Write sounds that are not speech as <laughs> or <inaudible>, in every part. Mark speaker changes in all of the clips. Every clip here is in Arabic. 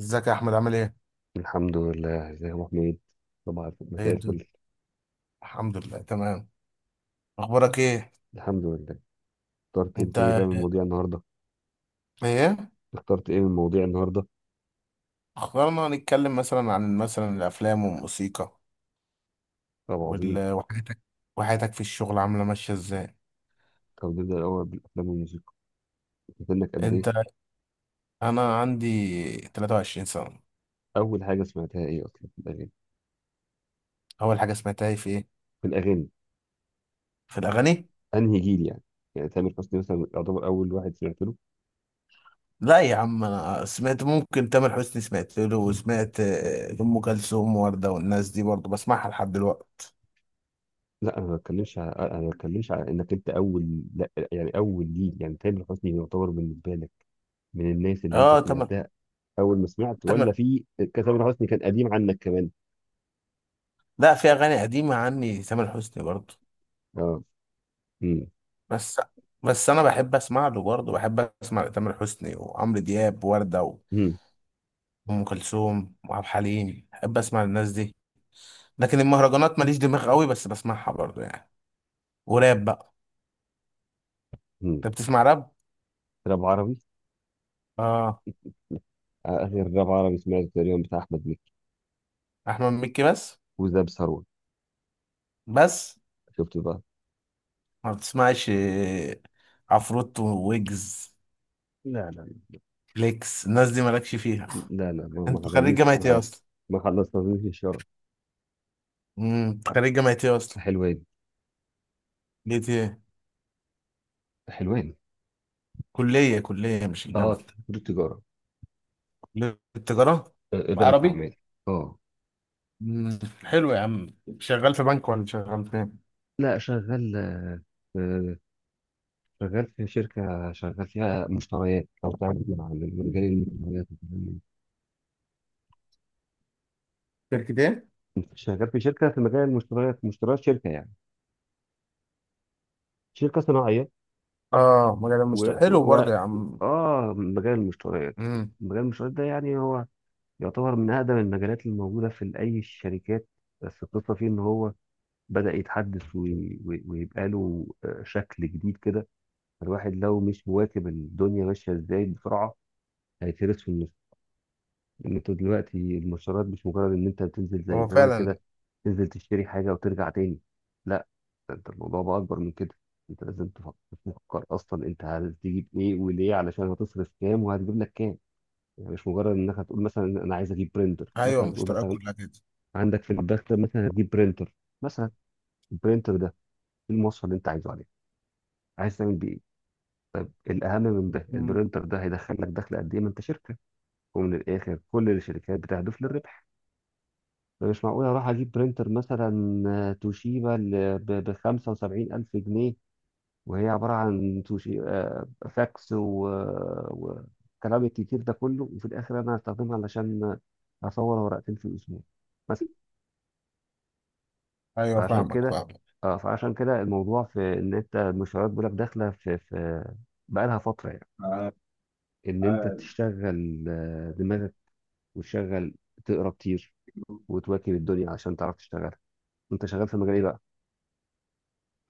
Speaker 1: ازيك يا احمد عامل ايه؟
Speaker 2: الحمد لله. ازيك يا ابو حميد؟ طبعا،
Speaker 1: ايه
Speaker 2: مساء
Speaker 1: الدنيا؟
Speaker 2: الفل.
Speaker 1: الحمد لله تمام. اخبارك ايه؟
Speaker 2: الحمد لله. اخترت
Speaker 1: انت
Speaker 2: انت ايه بقى من مواضيع النهارده؟
Speaker 1: ايه؟
Speaker 2: اخترت ايه من مواضيع النهارده؟
Speaker 1: اخبارنا نتكلم مثلا عن الافلام والموسيقى،
Speaker 2: طب عظيم.
Speaker 1: وال... وحياتك وحياتك في الشغل عامله ماشيه ازاي؟
Speaker 2: طب نبدا الاول بالافلام والموسيقى. سنك قد ايه؟
Speaker 1: انت. انا عندي 23 سنه.
Speaker 2: اول حاجه سمعتها ايه اصلا في الاغاني؟
Speaker 1: اول حاجه سمعتها في ايه؟
Speaker 2: في الاغاني.
Speaker 1: في الاغاني؟
Speaker 2: انهي جيل يعني؟ يعني تامر حسني مثلا يعتبر اول واحد سمعت له.
Speaker 1: لا يا عم، انا سمعت، ممكن تامر حسني سمعت له، وسمعت ام كلثوم ووردة، والناس دي برضه بسمعها لحد دلوقتي.
Speaker 2: لا، انا ما بتكلمش على، انك انت اول، لا يعني اول جيل، يعني تامر حسني يعتبر بالنسبه لك من الناس اللي انت
Speaker 1: اه، تامر.
Speaker 2: سمعتها. اول ما سمعت
Speaker 1: تامر.
Speaker 2: ولا في كان تامر حسني كان قديم عنك كمان؟
Speaker 1: لا، في اغاني قديمه عني تامر حسني برضه.
Speaker 2: اه.
Speaker 1: بس بس انا بحب اسمع له برضه، بحب اسمع تامر حسني وعمرو دياب ووردة
Speaker 2: امم
Speaker 1: وام كلثوم وعبد الحليم، بحب اسمع الناس دي. لكن المهرجانات ماليش دماغ قوي، بس بسمعها برضه يعني. وراب بقى.
Speaker 2: مم.
Speaker 1: انت بتسمع راب.
Speaker 2: راب عربي.
Speaker 1: اه،
Speaker 2: آخر راب عربي سمعته تقريبا بتاع أحمد مكي،
Speaker 1: احمد مكي بس.
Speaker 2: وزاب ثروت.
Speaker 1: بس
Speaker 2: شفت بقى.
Speaker 1: ما بتسمعش عفروتو ويجز
Speaker 2: لا لا
Speaker 1: فليكس، الناس دي مالكش فيها.
Speaker 2: لا لا، ما
Speaker 1: انت خريج
Speaker 2: حصليش،
Speaker 1: جامعة ايه اصلا؟
Speaker 2: ما خلصتنيش الشهر.
Speaker 1: أنت خريج جامعة ايه اصلا؟
Speaker 2: حلوان.
Speaker 1: ليه ايه؟
Speaker 2: حلوان.
Speaker 1: كلية مش
Speaker 2: اه،
Speaker 1: الجامعة.
Speaker 2: كل التجارة.
Speaker 1: كلية التجارة.
Speaker 2: إدارة
Speaker 1: عربي.
Speaker 2: الأعمال. اه.
Speaker 1: مم. حلو يا عم. شغال في بنك ولا شغال فين؟
Speaker 2: لا، شغال، آه، شغال في شركة، شغال فيها مشتريات أو تعمل مع مجال المشتريات والكلام من
Speaker 1: شركتين.
Speaker 2: ده. شغال في شركة في مجال المشتريات، مشتريات شركة يعني، شركة صناعية.
Speaker 1: اه، مجال
Speaker 2: و,
Speaker 1: المشتري
Speaker 2: و...
Speaker 1: حلو
Speaker 2: و...
Speaker 1: برضه يا عم.
Speaker 2: اه، مجال المشتريات.
Speaker 1: امم
Speaker 2: مجال المشتريات ده يعني هو يعتبر من أقدم المجالات الموجودة في أي الشركات. بس القصة فيه إن هو بدأ يتحدث ويبقى له شكل جديد كده. الواحد لو مش مواكب الدنيا ماشية إزاي بسرعة، هيترس في النص. إن أنت دلوقتي المشتريات مش مجرد إن أنت بتنزل زي
Speaker 1: هو
Speaker 2: زمان
Speaker 1: فعلا.
Speaker 2: كده، تنزل تشتري حاجة وترجع تاني. لا، ده أنت الموضوع بقى أكبر من كده. أنت لازم تفكر أصلا أنت هتجيب إيه وليه، علشان هتصرف كام وهتجيب لك كام. يعني مش مجرد انك هتقول مثلا انا عايز اجيب برينتر.
Speaker 1: ايوه،
Speaker 2: مثلا هتقول
Speaker 1: المشتريات
Speaker 2: مثلا
Speaker 1: كلها كده.
Speaker 2: عندك في المدخل مثلا هتجيب برينتر. مثلا البرينتر ده ايه المواصفة اللي انت عايزه عليه؟ عايز تعمل بيه ايه؟ طيب الاهم من ده،
Speaker 1: مم.
Speaker 2: البرينتر ده هيدخل لك دخل قد ايه، ما انت شركه. ومن الاخر كل الشركات بتهدف للربح. فمش معقول اروح اجيب برينتر مثلا توشيبا ب 75 الف جنيه، وهي عباره عن توشي آه، فاكس وكلام الكتير ده كله، وفي الاخر انا هستخدمها علشان اصور ورقتين في الاسبوع مثلا.
Speaker 1: ايوه
Speaker 2: فعشان
Speaker 1: فاهمك
Speaker 2: كده،
Speaker 1: فاهمك.
Speaker 2: اه، فعشان كده الموضوع في ان انت المشروعات بيقول لك داخله في بقى لها فتره يعني،
Speaker 1: آه،
Speaker 2: ان انت
Speaker 1: آه،
Speaker 2: تشتغل دماغك وتشغل، تقرا كتير وتواكب الدنيا عشان تعرف تشتغل. انت شغال في مجال ايه بقى؟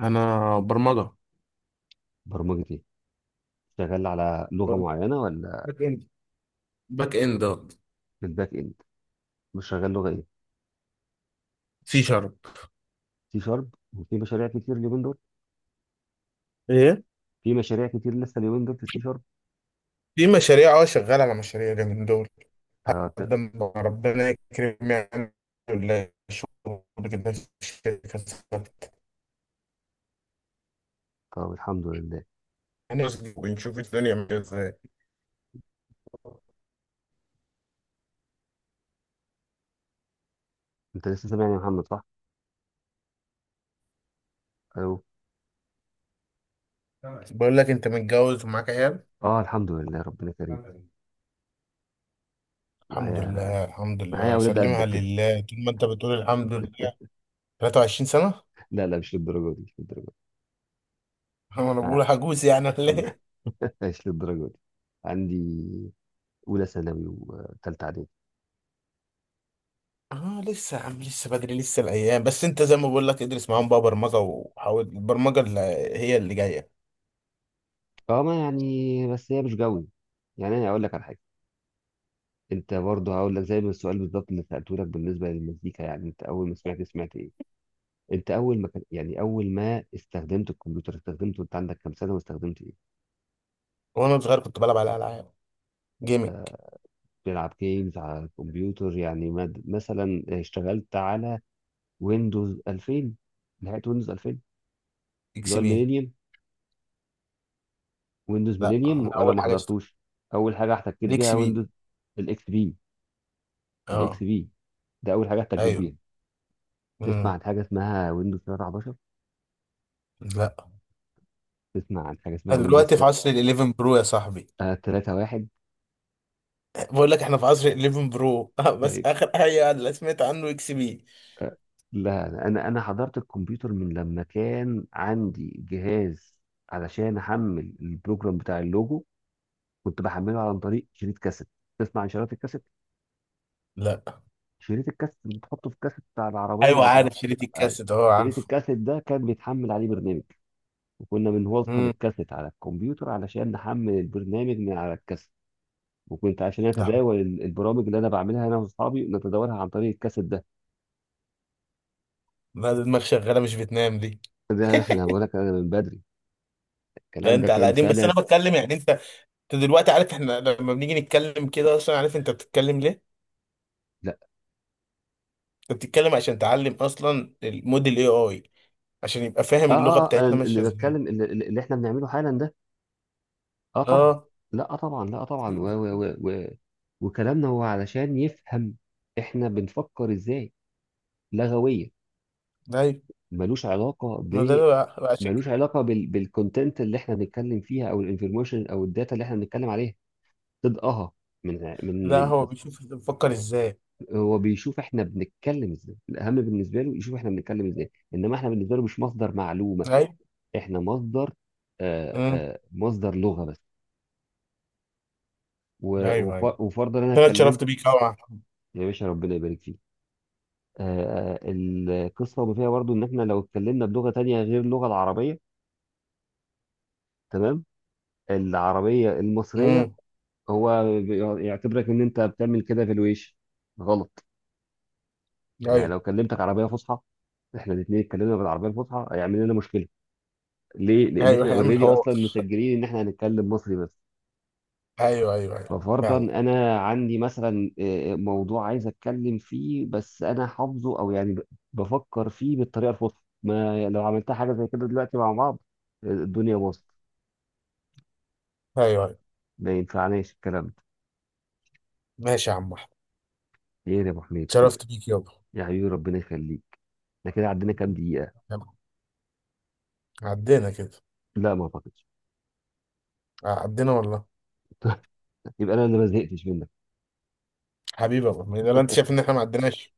Speaker 1: انا برمجه،
Speaker 2: برمجه ايه؟ شغال على لغه
Speaker 1: برمجة
Speaker 2: معينه ولا؟
Speaker 1: باك اند، باك اند آه.
Speaker 2: في الباك اند مش شغال لغه ايه؟
Speaker 1: سي شارب.
Speaker 2: سي شارب. وفي مشاريع كتير اليومين دول؟
Speaker 1: ايه؟
Speaker 2: في مشاريع كتير لسه اليومين دول في سي شارب.
Speaker 1: في مشاريع، شغال على مشاريع اليومين دول.
Speaker 2: آه ت-
Speaker 1: قدم ربنا يكرم يعني، ولا شغل كده في الشركة
Speaker 2: طب الحمد لله.
Speaker 1: ونشوف الدنيا عاملة ازاي.
Speaker 2: انت لسه سامعني يا محمد، صح؟ الو.
Speaker 1: بقول لك، انت متجوز ومعاك عيال؟
Speaker 2: اه الحمد لله، ربنا كريم.
Speaker 1: الحمد
Speaker 2: معايا.
Speaker 1: لله. الحمد
Speaker 2: معايا
Speaker 1: لله
Speaker 2: اولاد
Speaker 1: سلمها
Speaker 2: قدك كده.
Speaker 1: لله طول ما انت بتقول الحمد لله. 23 سنة.
Speaker 2: لا لا، مش للدرجة دي، مش للدرجة دي.
Speaker 1: <laughs> انا
Speaker 2: آه،
Speaker 1: بقول عجوز يعني ولا ايه؟
Speaker 2: <laughs> مش للدرجة دي. عندي أولى ثانوي وثالثة إعدادي.
Speaker 1: اه، لسه يا عم، لسه بدري لسه الايام. بس انت زي ما بقول لك، ادرس معاهم بقى برمجة، وحاول البرمجة اللي هي اللي جاية.
Speaker 2: فما يعني بس هي مش جوي. يعني أنا أقول لك على حاجة، أنت برضه هقول لك زي ما السؤال بالظبط اللي سألته لك بالنسبة للمزيكا، يعني أنت أول ما سمعت، سمعت إيه؟ أنت أول ما كان يعني أول ما استخدمت الكمبيوتر، استخدمته أنت عندك كام سنة واستخدمت إيه؟
Speaker 1: وانا صغير كنت بلعب على العاب، جيمنج.
Speaker 2: آه، بتلعب جيمز على الكمبيوتر يعني، مثلا اشتغلت على ويندوز 2000، نهاية ويندوز 2000 اللي
Speaker 1: اكس
Speaker 2: هو
Speaker 1: بي.
Speaker 2: الميلينيوم. ويندوز
Speaker 1: لا، انا
Speaker 2: ميلينيوم ولا
Speaker 1: اول
Speaker 2: ما
Speaker 1: حاجة اشتغلت
Speaker 2: حضرتوش؟ اول حاجه احتكيت بيها
Speaker 1: الاكس
Speaker 2: ويندوز؟
Speaker 1: بي.
Speaker 2: الاكس بي. الاكس
Speaker 1: اه.
Speaker 2: بي ده اول حاجه احتكيت
Speaker 1: ايوه.
Speaker 2: بيها. تسمع
Speaker 1: امم
Speaker 2: عن حاجه اسمها ويندوز 13؟
Speaker 1: لا،
Speaker 2: تسمع عن حاجه اسمها
Speaker 1: أنا
Speaker 2: ويندوز
Speaker 1: دلوقتي في عصر ال 11 برو يا صاحبي.
Speaker 2: 31؟
Speaker 1: بقول لك احنا في عصر ال 11 برو. <laughs> بس
Speaker 2: طيب.
Speaker 1: اخر حاجة اللي سمعت عنه اكس بي.
Speaker 2: لا، انا حضرت الكمبيوتر من لما كان عندي جهاز، علشان احمل البروجرام بتاع اللوجو كنت بحمله عن طريق شريط كاسيت. تسمع عن شريط الكاسيت؟
Speaker 1: لا.
Speaker 2: شريط الكاسيت اللي تحطه في الكاسيت بتاع العربيه
Speaker 1: ايوه،
Speaker 2: او تحط.
Speaker 1: عارف شريط
Speaker 2: أي.
Speaker 1: الكاسيت، اهو
Speaker 2: شريط
Speaker 1: عارفه.
Speaker 2: الكاسيت ده كان بيتحمل عليه برنامج، وكنا بنوصل
Speaker 1: امم
Speaker 2: الكاسيت على الكمبيوتر علشان نحمل البرنامج من على الكاسيت. وكنت عشان
Speaker 1: ده حوار،
Speaker 2: اتداول البرامج اللي انا بعملها انا واصحابي نتداولها عن طريق الكاسيت ده.
Speaker 1: ده دماغ شغاله مش بتنام دي.
Speaker 2: ده احنا
Speaker 1: <laughs>
Speaker 2: بقول لك انا من بدري.
Speaker 1: لا،
Speaker 2: الكلام ده
Speaker 1: انت على
Speaker 2: كان
Speaker 1: قديم، بس
Speaker 2: سنه.
Speaker 1: انا بتكلم يعني. انت دلوقتي عارف، احنا لما بنيجي نتكلم كده اصلا، عارف انت بتتكلم ليه؟
Speaker 2: لا.
Speaker 1: انت بتتكلم عشان تعلم اصلا الموديل اي اي، عشان يبقى
Speaker 2: اه
Speaker 1: فاهم اللغه
Speaker 2: اه، أنا
Speaker 1: بتاعتنا
Speaker 2: اللي
Speaker 1: ماشيه ازاي.
Speaker 2: بتكلم، اللي احنا بنعمله حالا ده. اه طبعا.
Speaker 1: اه،
Speaker 2: لا، آه طبعا، لا، آه طبعا. و و و و وكلامنا هو علشان يفهم احنا بنفكر ازاي، لغويا.
Speaker 1: ايوه.
Speaker 2: ملوش علاقه
Speaker 1: ما ده
Speaker 2: ب،
Speaker 1: عشان
Speaker 2: ملوش
Speaker 1: كده.
Speaker 2: علاقه بالكونتنت اللي احنا بنتكلم فيها او الانفورميشن او الداتا اللي احنا بنتكلم عليها. تضقها. من من
Speaker 1: لا،
Speaker 2: من
Speaker 1: هو بيشوف بيفكر ازاي.
Speaker 2: هو بيشوف احنا بنتكلم ازاي. الاهم بالنسبه له يشوف احنا بنتكلم ازاي، انما احنا بالنسبه له مش مصدر معلومه،
Speaker 1: ايوه.
Speaker 2: احنا مصدر،
Speaker 1: امم
Speaker 2: مصدر لغه بس.
Speaker 1: ايوه، ايوه.
Speaker 2: وفرضا انا
Speaker 1: انا
Speaker 2: اتكلمت.
Speaker 1: اتشرفت بيك قوي يا محمد.
Speaker 2: يا باشا، ربنا يبارك فيك. القصه ما فيها برضو ان احنا لو اتكلمنا بلغه تانية غير اللغه العربيه، تمام، العربيه المصريه،
Speaker 1: امم
Speaker 2: هو يعتبرك ان انت بتعمل كده في الويش، غلط. يعني
Speaker 1: ايوه،
Speaker 2: لو كلمتك عربيه فصحى، احنا الاثنين اتكلمنا بالعربيه الفصحى، هيعمل لنا مشكله. ليه؟ لأن
Speaker 1: ايوه،
Speaker 2: احنا
Speaker 1: هيعمل
Speaker 2: اوريدي
Speaker 1: حوار.
Speaker 2: أصلا مسجلين إن احنا هنتكلم مصري بس.
Speaker 1: ايوه ايوه ايوه،
Speaker 2: ففرضا
Speaker 1: فاهم.
Speaker 2: أنا عندي مثلا موضوع عايز أتكلم فيه، بس أنا حافظه أو يعني بفكر فيه بالطريقة الفصحى، ما لو عملتها حاجة زي كده دلوقتي مع بعض، الدنيا باظت.
Speaker 1: ايوه، أيوة.
Speaker 2: ما ينفعناش الكلام ده.
Speaker 1: ماشي يا عم احمد.
Speaker 2: خير يا أبو حميد خير.
Speaker 1: شرفت بيك يابا.
Speaker 2: يا حبيبي، ربنا يخليك. احنا كده عدينا كام دقيقة؟
Speaker 1: يلا. عدينا كده،
Speaker 2: لا ما أعتقدش.
Speaker 1: عدينا والله.
Speaker 2: <laughs> يبقى أنا اللي ما زهقتش منك.
Speaker 1: حبيبي يابا، ما ده انت شايف ان احنا ما عديناش.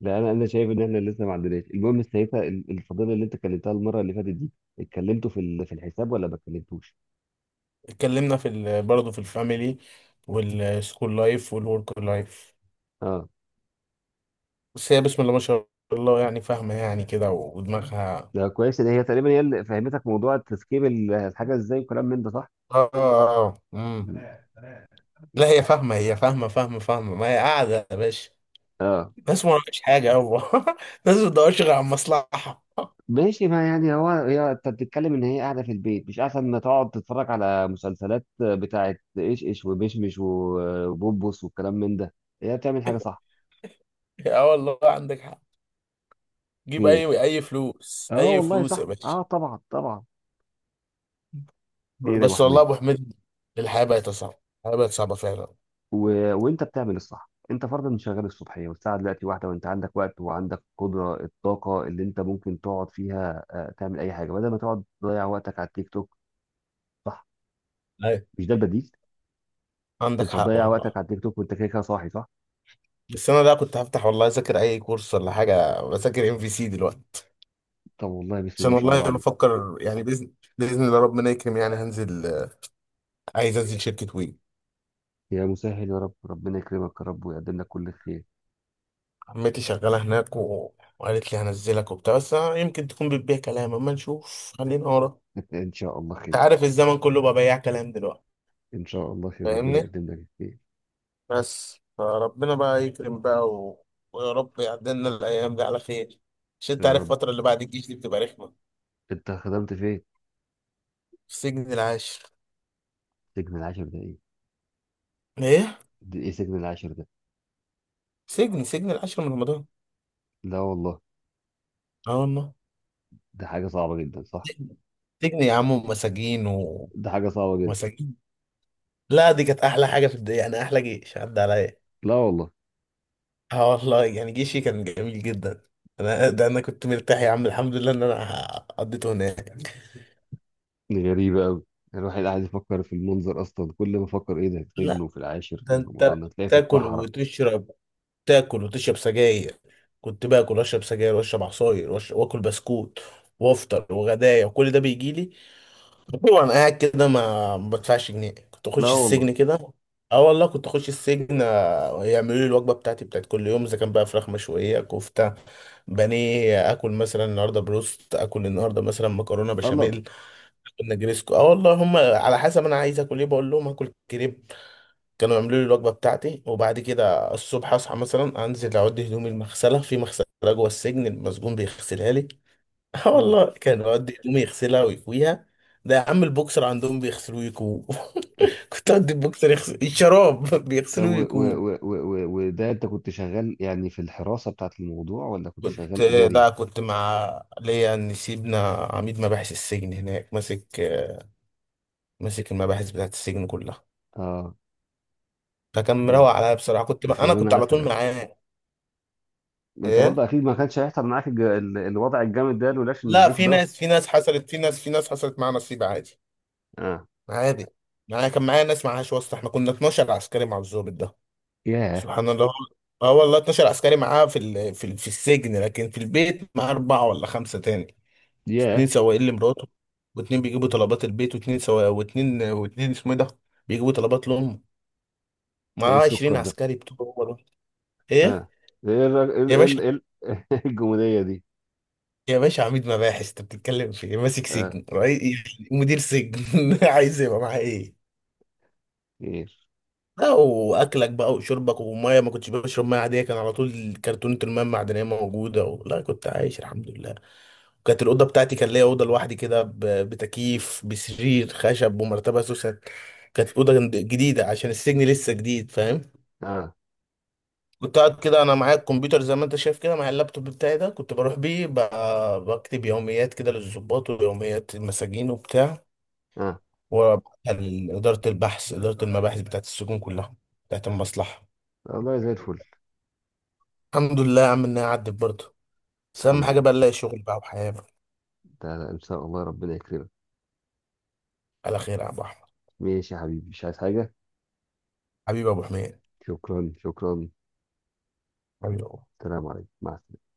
Speaker 2: لا، انا شايف ان احنا لسه ما عندناش. المهم ساعتها الفضيله اللي انت كلمتها المره اللي فاتت دي، اتكلمتوا في الحساب ولا ما اتكلمتوش؟
Speaker 1: اتكلمنا في برضه في الفاميلي والسكول لايف والورك لايف.
Speaker 2: اه.
Speaker 1: بس هي بسم الله ما شاء الله، يعني فاهمه يعني كده، ودماغها.
Speaker 2: ده كويس ان هي تقريبا هي اللي فهمتك موضوع تسكيب الحاجه ازاي وكلام من ده، صح؟
Speaker 1: اه مم. لا، هي فاهمه، هي فاهمه فاهمه فاهمه، ما هي قاعده يا باشا.
Speaker 2: اه.
Speaker 1: ناس ما وراكش حاجه يابا. <laughs> ناس ما بتدورش غير على المصلحه. <laughs>
Speaker 2: ماشي، ما يعني هو، هي انت بتتكلم ان هي قاعده في البيت مش احسن ما تقعد تتفرج على مسلسلات بتاعه ايش ايش ومشمش وبوبوس والكلام من ده، هي بتعمل حاجه صح.
Speaker 1: اه، والله عندك حق. جيب
Speaker 2: خير.
Speaker 1: اي اي فلوس،
Speaker 2: اه
Speaker 1: اي
Speaker 2: والله
Speaker 1: فلوس يا
Speaker 2: صح،
Speaker 1: باشا.
Speaker 2: اه طبعا طبعا. خير يا ابو
Speaker 1: بس والله
Speaker 2: حميد.
Speaker 1: يا ابو حميد، الحياه بقت صعبه، الحياه بقت صعبه فعلا.
Speaker 2: وانت بتعمل الصح. انت فرضا شغال الصبحيه والساعه دلوقتي واحده، وانت عندك وقت وعندك قدره الطاقه اللي انت ممكن تقعد فيها تعمل اي حاجه بدل ما تقعد تضيع وقتك على التيك توك، صح؟
Speaker 1: ايوه،
Speaker 2: مش ده البديل؟
Speaker 1: عندك
Speaker 2: كنت
Speaker 1: حق
Speaker 2: هتضيع وقتك
Speaker 1: والله.
Speaker 2: على التيك توك وانت كده كده صاحي، صح؟
Speaker 1: بس انا ده كنت هفتح والله اذاكر اي كورس ولا حاجه، بذاكر ام في سي دلوقتي.
Speaker 2: طب والله بسم الله
Speaker 1: عشان
Speaker 2: ما شاء
Speaker 1: والله
Speaker 2: الله عليك.
Speaker 1: بفكر يعني، باذن الله ربنا يكرم يعني، هنزل، عايز انزل شركه وي.
Speaker 2: يا مسهل يا رب، ربنا يكرمك يا رب ويقدم لك كل خير.
Speaker 1: عمتي شغاله هناك، وقالت لي هنزلك وبتاع، بس أنا يمكن تكون بتبيع كلام، اما نشوف خلينا ورا.
Speaker 2: <laughs> ان شاء الله
Speaker 1: انت
Speaker 2: خير.
Speaker 1: عارف الزمن كله بقى بياع كلام دلوقتي.
Speaker 2: ان شاء الله خير، ربنا
Speaker 1: فاهمني.
Speaker 2: يقدم لك الخير.
Speaker 1: بس فربنا بقى يكرم بقى، ويا رب يعدلنا الأيام دي على خير. عشان أنت
Speaker 2: يا
Speaker 1: عارف
Speaker 2: رب.
Speaker 1: الفترة اللي بعد الجيش دي بتبقى رخمة.
Speaker 2: انت خدمت فين؟
Speaker 1: في سجن العاشر.
Speaker 2: سجن العاشر ده ايه؟
Speaker 1: إيه؟
Speaker 2: ده ايه سجن العاشر ده؟
Speaker 1: سجن العاشر من رمضان.
Speaker 2: لا والله.
Speaker 1: آه والله.
Speaker 2: ده حاجه صعبه جدا، صح؟
Speaker 1: سجن سجن يا عم، ومساجين.
Speaker 2: ده حاجه صعبه جدا.
Speaker 1: ومساجين. لا، دي كانت أحلى حاجة في الدنيا، يعني أحلى جيش عدى عليا.
Speaker 2: لا والله.
Speaker 1: آه والله، يعني جيشي كان جميل جدا. أنا ده أنا كنت مرتاح يا عم، الحمد لله إن أنا قضيته هناك.
Speaker 2: دي غريبة أوي. الواحد قاعد يفكر في المنظر أصلا، كل ما أفكر إيه ده، هتجنوا
Speaker 1: لا،
Speaker 2: في العاشر في
Speaker 1: ده أنت
Speaker 2: رمضان، هتلاقي في
Speaker 1: بتاكل
Speaker 2: الصحراء.
Speaker 1: وتشرب. تاكل وتشرب سجاير. كنت باكل واشرب سجاير، واشرب عصاير، واكل بسكوت، وافطر، وغدايا، وكل ده بيجي لي. <laughs> وانا قاعد كده، ما بدفعش جنيه. كنت
Speaker 2: لا
Speaker 1: اخش
Speaker 2: والله.
Speaker 1: السجن كده. اه والله كنت اخش السجن، يعملوا لي الوجبه بتاعتي بتاعت كل يوم. اذا كان بقى فراخ مشويه، كفته، بانيه، اكل مثلا النهارده بروست، اكل النهارده مثلا مكرونه
Speaker 2: الله الله.
Speaker 1: بشاميل، نجريسكو. اه والله هم على حسب انا عايز اكل ايه. بقول لهم هاكل كريب، كانوا يعملوا لي الوجبه بتاعتي. وبعد كده الصبح اصحى مثلا، انزل اعد هدومي المغسله في مغسله جوه السجن، المسجون بيغسلها لي. <laughs> اه
Speaker 2: آه.
Speaker 1: والله كان يقعد هدومي يغسلها ويكويها. ده يا عم البوكسر عندهم بيغسلوه ويكوه. <laughs> كنت اودي البوكسر يغسل الشراب. <laughs>
Speaker 2: طب
Speaker 1: بيغسلوه ويكوه.
Speaker 2: وده أنت كنت شغال يعني في الحراسة بتاعت الموضوع ولا كنت
Speaker 1: كنت
Speaker 2: شغال إداري؟
Speaker 1: كنت مع، ليا ان سيبنا، عميد مباحث السجن هناك ماسك. المباحث بتاعت السجن كلها.
Speaker 2: آه.
Speaker 1: فكان
Speaker 2: لا،
Speaker 1: مروق عليا بصراحه،
Speaker 2: ده
Speaker 1: كنت
Speaker 2: شغلانة
Speaker 1: على
Speaker 2: عسل
Speaker 1: طول
Speaker 2: يعني.
Speaker 1: معاه.
Speaker 2: ما أنت
Speaker 1: ايه؟
Speaker 2: برضه أكيد ما كانش هيحصل معاك الوضع الجامد ده لولاش إن
Speaker 1: لا،
Speaker 2: ليك
Speaker 1: في
Speaker 2: ده.
Speaker 1: ناس، في ناس حصلت معاها نصيب عادي.
Speaker 2: آه.
Speaker 1: عادي. معايا كان، معايا ناس معاهاش واسطة. احنا كنا 12 عسكري مع الضابط ده.
Speaker 2: ياه.
Speaker 1: سبحان الله. اه والله 12 عسكري معاه في السجن، لكن في البيت معاه أربعة ولا خمسة تاني.
Speaker 2: ياه.
Speaker 1: اتنين سواقين لمراته، واتنين بيجيبوا طلبات البيت، واتنين سوا، واتنين اسمه إيه ده، بيجيبوا طلبات لأمه.
Speaker 2: ده إيه
Speaker 1: معاه 20
Speaker 2: السكر ده؟
Speaker 1: عسكري بتوع هو دول. ايه؟
Speaker 2: آه. ده إيه
Speaker 1: يا باشا
Speaker 2: <laughs> إيه الجمودية دي؟
Speaker 1: يا باشا، عميد مباحث انت بتتكلم في إيه؟ ماسك
Speaker 2: آه.
Speaker 1: سجن، رئيس، مدير سجن. <laughs> عايز يبقى معاه ايه.
Speaker 2: خير.
Speaker 1: لا واكلك بقى وشربك، وميه، ما كنتش بشرب ميه عاديه، كان على طول كرتونه الميه المعدنيه موجوده، لا كنت عايش الحمد لله. وكانت الاوضه بتاعتي، كان ليا اوضه لوحدي كده بتكييف بسرير خشب ومرتبه سوسه. كانت الاوضه جديده عشان السجن لسه جديد فاهم.
Speaker 2: آه.
Speaker 1: كنت قاعد كده، انا معايا الكمبيوتر زي ما انت شايف كده، معايا اللابتوب بتاعي ده، كنت بروح بيه بكتب يوميات كده للضباط، ويوميات المساجين وبتاع،
Speaker 2: آه
Speaker 1: وبعتها لاداره البحث، اداره المباحث بتاعت السجون كلها، بتاعت المصلحه.
Speaker 2: والله زي الفل.
Speaker 1: الحمد لله يا عم انها عدت برضه. بس اهم
Speaker 2: الحمد
Speaker 1: حاجه بقى
Speaker 2: لله.
Speaker 1: نلاقي شغل بقى، وحياه بقى
Speaker 2: ده ان شاء الله ربنا يكرمك.
Speaker 1: على خير يا ابو احمد.
Speaker 2: ماشي يا حبيبي، مش عايز حاجة.
Speaker 1: حبيبي يا ابو حميد.
Speaker 2: شكرا شكرا.
Speaker 1: حبيبي يا أبو.
Speaker 2: السلام عليكم، مع السلامة.